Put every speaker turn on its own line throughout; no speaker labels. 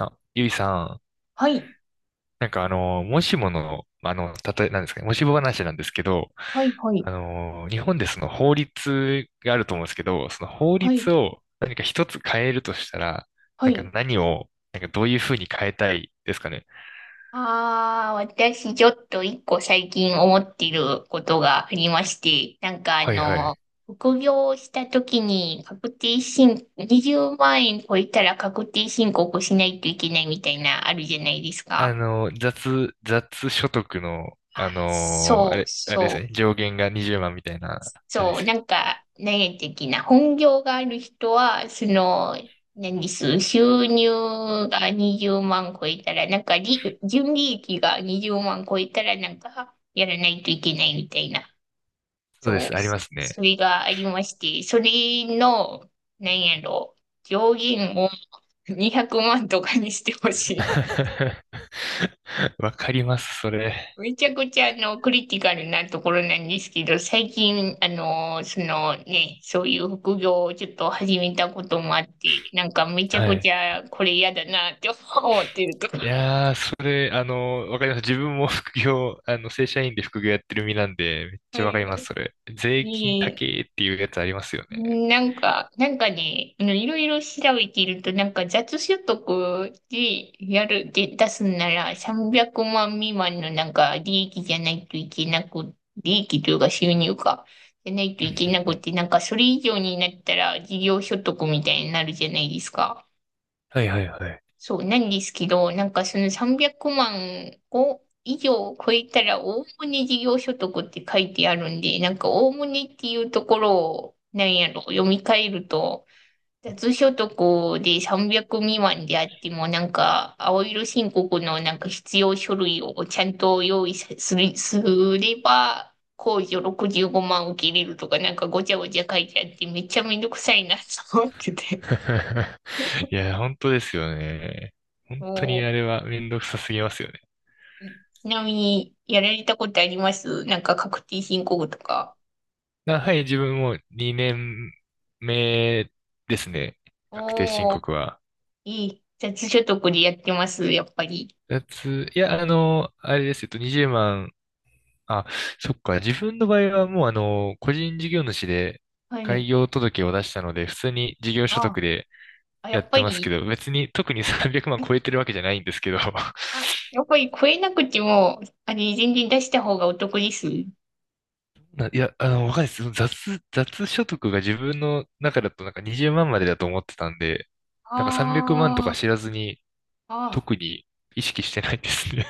あ、ゆいさん、
はい。
なんかもしもの、たとえ、なんですかね、もしも話なんですけど、
はい、はい。
日本でその法律があると思うんですけど、その法
はい、
律を何か一つ変えるとしたら、
は
なんか
い。
何を、なんかどういうふうに変えたいですかね。
ああ、私ちょっと一個最近思っていることがありまして、なんかあ
はいは
の、
い。
副業をした時に確定申、20万円超えたら確定申告しないといけないみたいなあるじゃないですか。
雑所得の、あ
あ、
の、あ
そう、
れ、あれで
そ
す
う。
よね、上限が20万みたいな、あれで
そう、
すよ。
なんか、何的な、本業がある人は、その、何です、収入が20万超えたら、なんか利、純利益が20万超えたら、なんか、やらないといけないみたいな、
そうで
そ
す、
う、
ありますね。
それがありまして、それの、何やろ、上限を200万とかにしてほしい。
わかります、それ。
めちゃくちゃあのクリティカルなところなんですけど、最近、あの、そのね、そういう副業をちょっと始めたこともあって、なんかめちゃ
は
くち
い。
ゃこれ嫌だなって思ってるところ。
いやー、それ、わかります。自分も副業、正社員で副業やってる身なんで、めっち
は
ゃわ
い。
かります、それ。税金高
ねえ、
えっていうやつありますよね。
なんか、なんかね、あの、いろいろ調べていると、なんか雑所得でやる、で出すなら300万未満のなんか利益じゃないといけなく、利益というか収入か、じゃないと
うん、
いけなくて、なんかそれ以上になったら事業所得みたいになるじゃないですか。
はいはいはい。
そうなんですけど、なんかその300万を以上超えたら、おおむね事業所得って書いてあるんで、なんかおおむねっていうところを、なんやろ、読み替えると、雑所得で300未満であっても、なんか青色申告のなんか必要書類をちゃんと用意さする、すれば、控除65万受けれるとか、なんかごちゃごちゃ書いてあって、めっちゃめんどくさいなと思ってて。
いや、本当ですよね。本当に
も
あれはめんどくさすぎますよね。
ちなみに、やられたことありますなんか確定申告とか？
あ、はい、自分も2年目ですね。確定申
おー、
告は。
いい。雑所得でやってます、やっぱり。
いや、あれです。20万、あ、そっか。自分の場合はもう個人事業主で
は
開
い。
業届を出したので、普通に事業所
あ、
得で
や
やっ
っぱ
てますけ
り、
ど、別に特に300万超えてるわけじゃないんですけど、
あ、やっぱり超えなくても、あれ、全然出した方がお得です。
ないや、わかんないです。その雑所得が自分の中だとなんか20万まんまでだと思ってたんで、なんか300万とか
あ
知らずに
あ、あ
特に意識してないですね。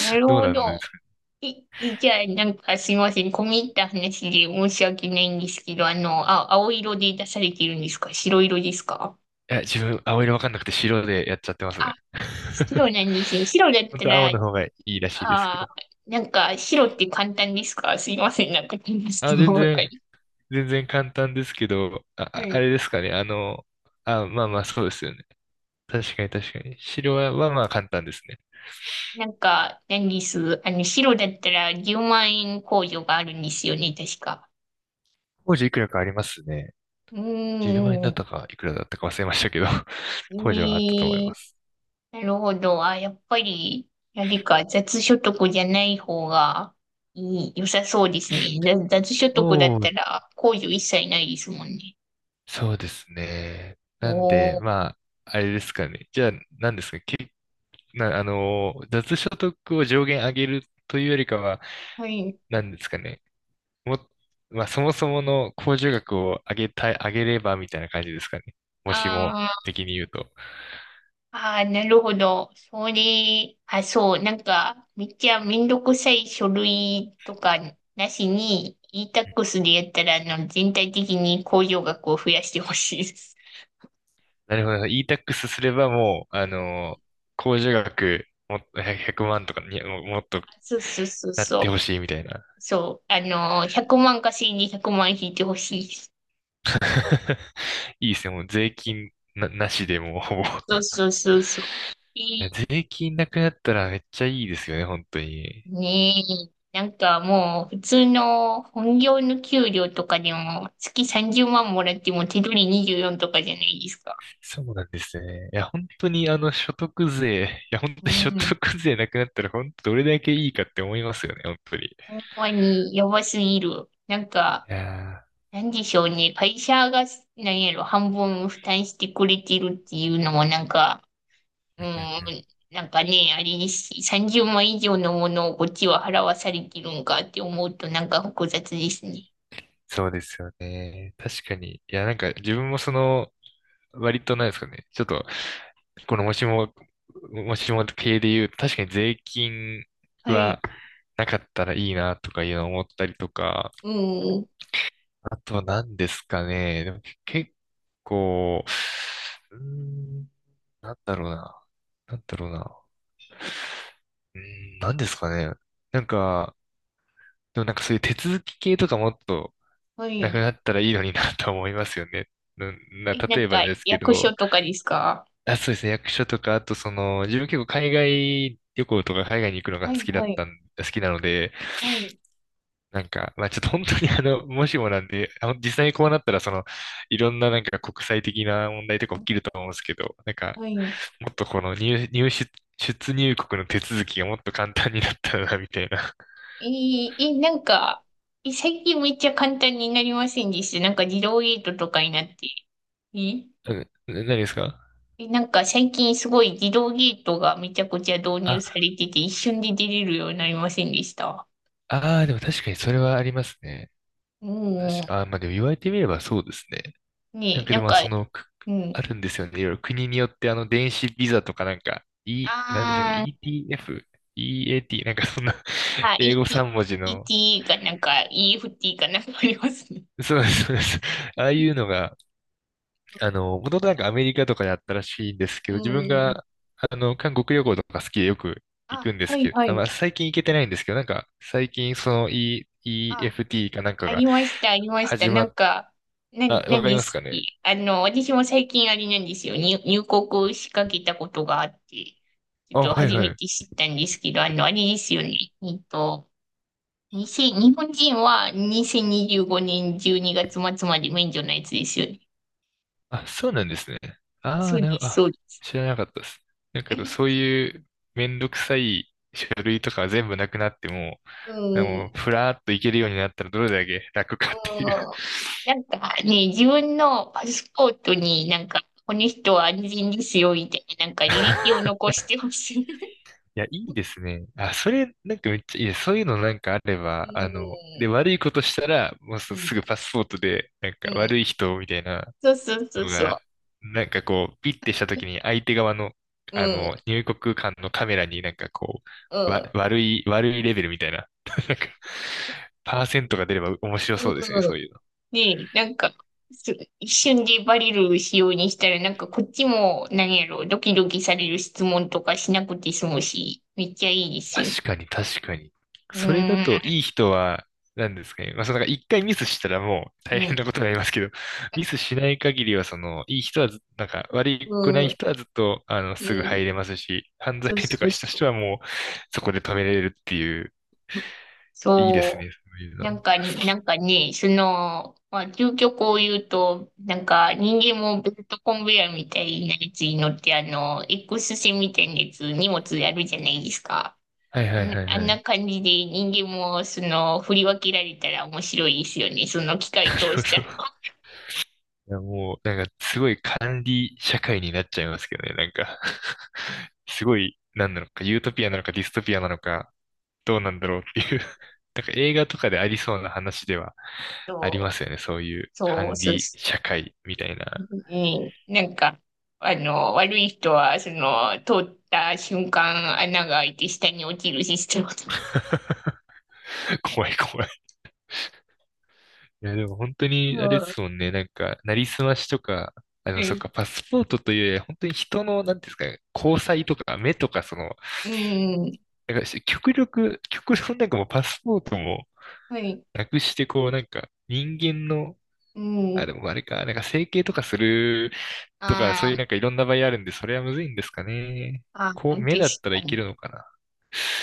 ー、な る
どう
ほ
なんで
ど。
すかね。
いじゃあ、なんかすいません。込み入った話で申し訳ないんですけど、あの、あ、青色で出されてるんですか、白色ですか？
いや、自分青色わかんなくて白でやっちゃってます
あ、
ね。
白 なんですね。白だっ
本
た
当は青
ら、
の方がいいらしいですけ
あ
ど。
あ、なんか、白って簡単ですか、すいません、なんか、質
あ、
問ばっかり。
全然簡単ですけど、あ、
う
ああ
ん。
れですかね。あ、まあまあ、そうですよね。確かに確かに。白はまあ簡単ですね。
なんか、何です。あの、白だったら10万円控除があるんですよね、確か。
工事いくらかありますね。
うー
10万円だっ
ん。
たか、いくらだったか忘れましたけど、工事はあったと思い
え
ま
え、
す。
なるほど。あ、やっぱり、何か、雑所得じゃない方がいい、良さそうですね。雑雑所得だっ
そ
た
う、
ら、控除一切ないですもんね。
そうですね。なんで、
おー。
まあ、あれですかね。じゃあ、何ですかね。け、な、あの、雑所得を上限上げるというよりかは、
はい。
なんですかね。も、まあ、そもそもの控除額を上げたい、上げればみたいな感じですかね。もしも
あ
的に言うと。
あ、あ、なるほど。それ、あ、そう、なんか、めっちゃめんどくさい書類とかなしに、e-tax でやったら、あの、全体的に控除額を増やしてほしいです。
なるほど。e-tax すればもう、控除額もっと100万とかにももっと
あ、そうそうそう
なっ
そう。
てほしいみたいな。
そう、あの、100万稼いで100万引いてほしいです。
いいですね。もう税金な、なしでもうほぼい
そうそうそうそう。い
や
い、
税金なくなったらめっちゃいいですよね、本当に。
ねえ。なんかもう、普通の本業の給料とかでも、月30万もらっても手取り24とかじゃないですか。
そうなんですね。いや、本当に所得税、いや、本
う
当に 所
ん。
得税なくなったら本当どれだけいいかって思いますよね、本当に。
ほんまにやばすぎる。なんか、
いや
なんでしょうね。会社が、なんやろ、半分負担してくれてるっていうのも、なんか、う
ー、
ん、
うんうんうん。
なんかね、あれですし、30万以上のものをこっちは払わされてるんかって思うと、なんか複雑ですね。
そうですよね。確かに。いや、なんか自分もその、割となんですかね。ちょっと、このもしも系で言うと、確かに税金
はい。
はなかったらいいなとかいうのを思ったりとか、
うん。
あとは何ですかね。でも結構、うーん、なんだろうな。なんだろうな。うー何ですかね。なんか、でもなんかそういう手続き系とかもっと、
は
なく
い。
なったらいいのになと思いますよね。うんな、
え、な
例
ん
えば
か、
ですけ
役
ど、
所とかですか？
あ、そうですね、役所とか、あとその、自分結構海外旅行とか海外に行くのが
はい、はい、
好きなので、
はい、
なんか、まあちょっと本当に もしもなんで、実際にこうなったら、その、いろんななんか国際的な問題とか起きると思うんですけど、なんか、
はい。
もっとこの入、入出、出入国の手続きがもっと簡単になったらな、みたいな。
えええなんか、え、最近めっちゃ簡単になりませんでした？なんか自動ゲートとかになって。え、
うん、何ですか
えなんか最近すごい自動ゲートがめちゃくちゃ導入さ
あ、
れてて、一瞬で出れるようになりませんでした？
ああ、でも確かにそれはありますね。
う
確
ん。
か、あ、まあでも言われてみればそうですね。なん
ね
か
え、
で
なん
もまあ
か、
その、
う
あ
ん。
るんですよね。いろいろ国によって電子ビザとかなんか、なんでしたっけ？
あー、
ETF、EAT、なんかそんな
あ、
英語3文字
e
の、
t ーがなんか EFT かなんかありますね。
そうです、そうです。ああいうのが、もともとなんかアメリカとかであったらしいんですけ
う
ど、自分
ん。
が、韓国旅行とか好きでよく行く
あ、
んで
は
す
い
けど、
は
あ、ま
い。
あ最近行けてないんですけど、なんか最近その
あ、
EFT かなんか
あ
が
りました、ありました。
始
な
ま
ん
っ、
か、
あ、わ
何
かり
で
ます
す
か
っけ？
ね。
あの、私も最近あれなんですよ。入国しかけたことがあって、ちょっ
あ、
と
はい
初め
はい。
て知ったんですけど、あの、あれですよね。えっと、にせん日本人は2025年12月末まで免除のやつですよね。
あ、そうなんですね。
あ、
あ
そ
あ、
うで
なるほど。
す、そ
あ、
うです。
知らなかったです。だけど、
え、
そういうめんどくさい書類とかは全部なくなっても、
うん、う
で
ん、
もふらーっといけるようになったらどれだけ楽かっていう。
なんかね、自分のパスポートになんか、この人は安全ですよ、みたいな、なんか履歴を残してほしい。
いや、いいですね。あ、それ、なんかめっちゃいいです。そういうのなんかあれ
う
ば、で、
ん、
悪いことしたら、もう
う
す
ん。
すぐパスポートで、なん
う
か悪
ん。
い人みたいな、
そうそうそう
の
そう。
が、なんかこう、ピッてした時に相手側の、
うん。
入国間のカメラになんかこ
う
う、わ、
ん。
悪い、悪いレベルみたいな、なんか、パーセントが出れば面白
うん。
そうですね、そういうの。
で、なんか、す一瞬でバレる仕様にしたら、なんかこっちも、何やろ、ドキドキされる質問とかしなくて済むし、めっちゃいいですよ。
確かに、確かに。
う
それだ
ん。
といい人は、なんですかね。まあ、そのなんか一回ミスしたらもう
う
大変
ん。
なことになりますけど、ミスしない限りは、その、いい人はず、なんか、悪くな
う
い
ん。
人はずっと、
う
すぐ
ん。
入れますし、犯罪
そう
と
そ
か
う
した
そう。
人はもう、そこで止めれるっていう。いいです
そ
ね、そういう
う。なん
の。
か、なんかね、その、まあ、究極を言うと、なんか、人間もベルトコンベヤーみたいなやつに乗って、あの、X 線みたいなやつ、荷物やるじゃないですか。
はいはいはい
あん
は
な
い。
感じで人間も、その、振り分けられたら面白いですよね。その機
な
械通
る
した
ほ
ら。
ど。いやもう、なんかすごい管理社会になっちゃいますけどね、なんか すごい、なんなのか、ユートピアなのかディストピアなのか、どうなんだろうっていう。 なんか映画とかでありそうな話ではあり
そ
ま
う、
すよね、そういう
そう、
管
そう
理
そう。
社会みたいな。
うん、なんか、あの、悪い人は、その、通った瞬間、穴が開いて下に落ちるシステムと。
怖い怖い。いやでも本当
う
にあれで
ん。
すもんね、なんか、なりすましとか、
は
そっ
い、
か、パスポートというより本当に人の、なんていうんですかね、交際とか、目とか、その、
うん、
なんか極力、極論なんかもうパスポートも
はい。
なくして、こうなんか人間の、
う
あ、
ん。
でもあれか、なんか整形とかするとか、そう
あ
いう
ー、
なんかいろんな場合あるんで、それはむずいんですかね。
あー、
こう、
確
目だったら
か
いけ
に。
るのかな。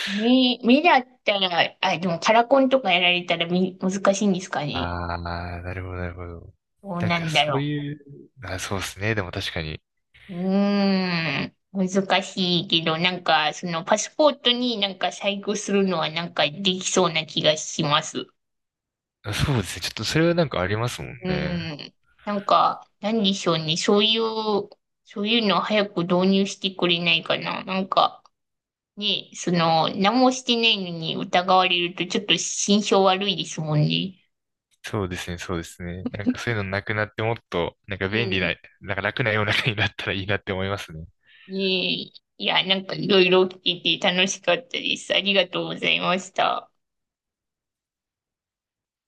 目だったら、あ、でもカラコンとかやられたら、難しいんですかね？
ああ、なるほど、なるほど。
どう
なん
な
か
んだ
そう
ろ
いう、あ、そうですね。でも確かに。
う。うーん。難しいけど、なんか、そのパスポートになんか細工するのはなんかできそうな気がします。
あそうですね。ちょっとそれはなんかありますもん
う
ね。
ん。なんか、なんでしょうね。そういう、そういうのを早く導入してくれないかな。なんか、ね、その、何もしてないのに疑われるとちょっと心象悪いですもんね。
そうですね、そうですね。なんかそういうのなくなってもっと、なんか
う
便利
ん。
な、なんか楽な世の中になったらいいなって思いますね。
ねえ、いや、なんかいろいろ聞いて楽しかったです。ありがとうございました。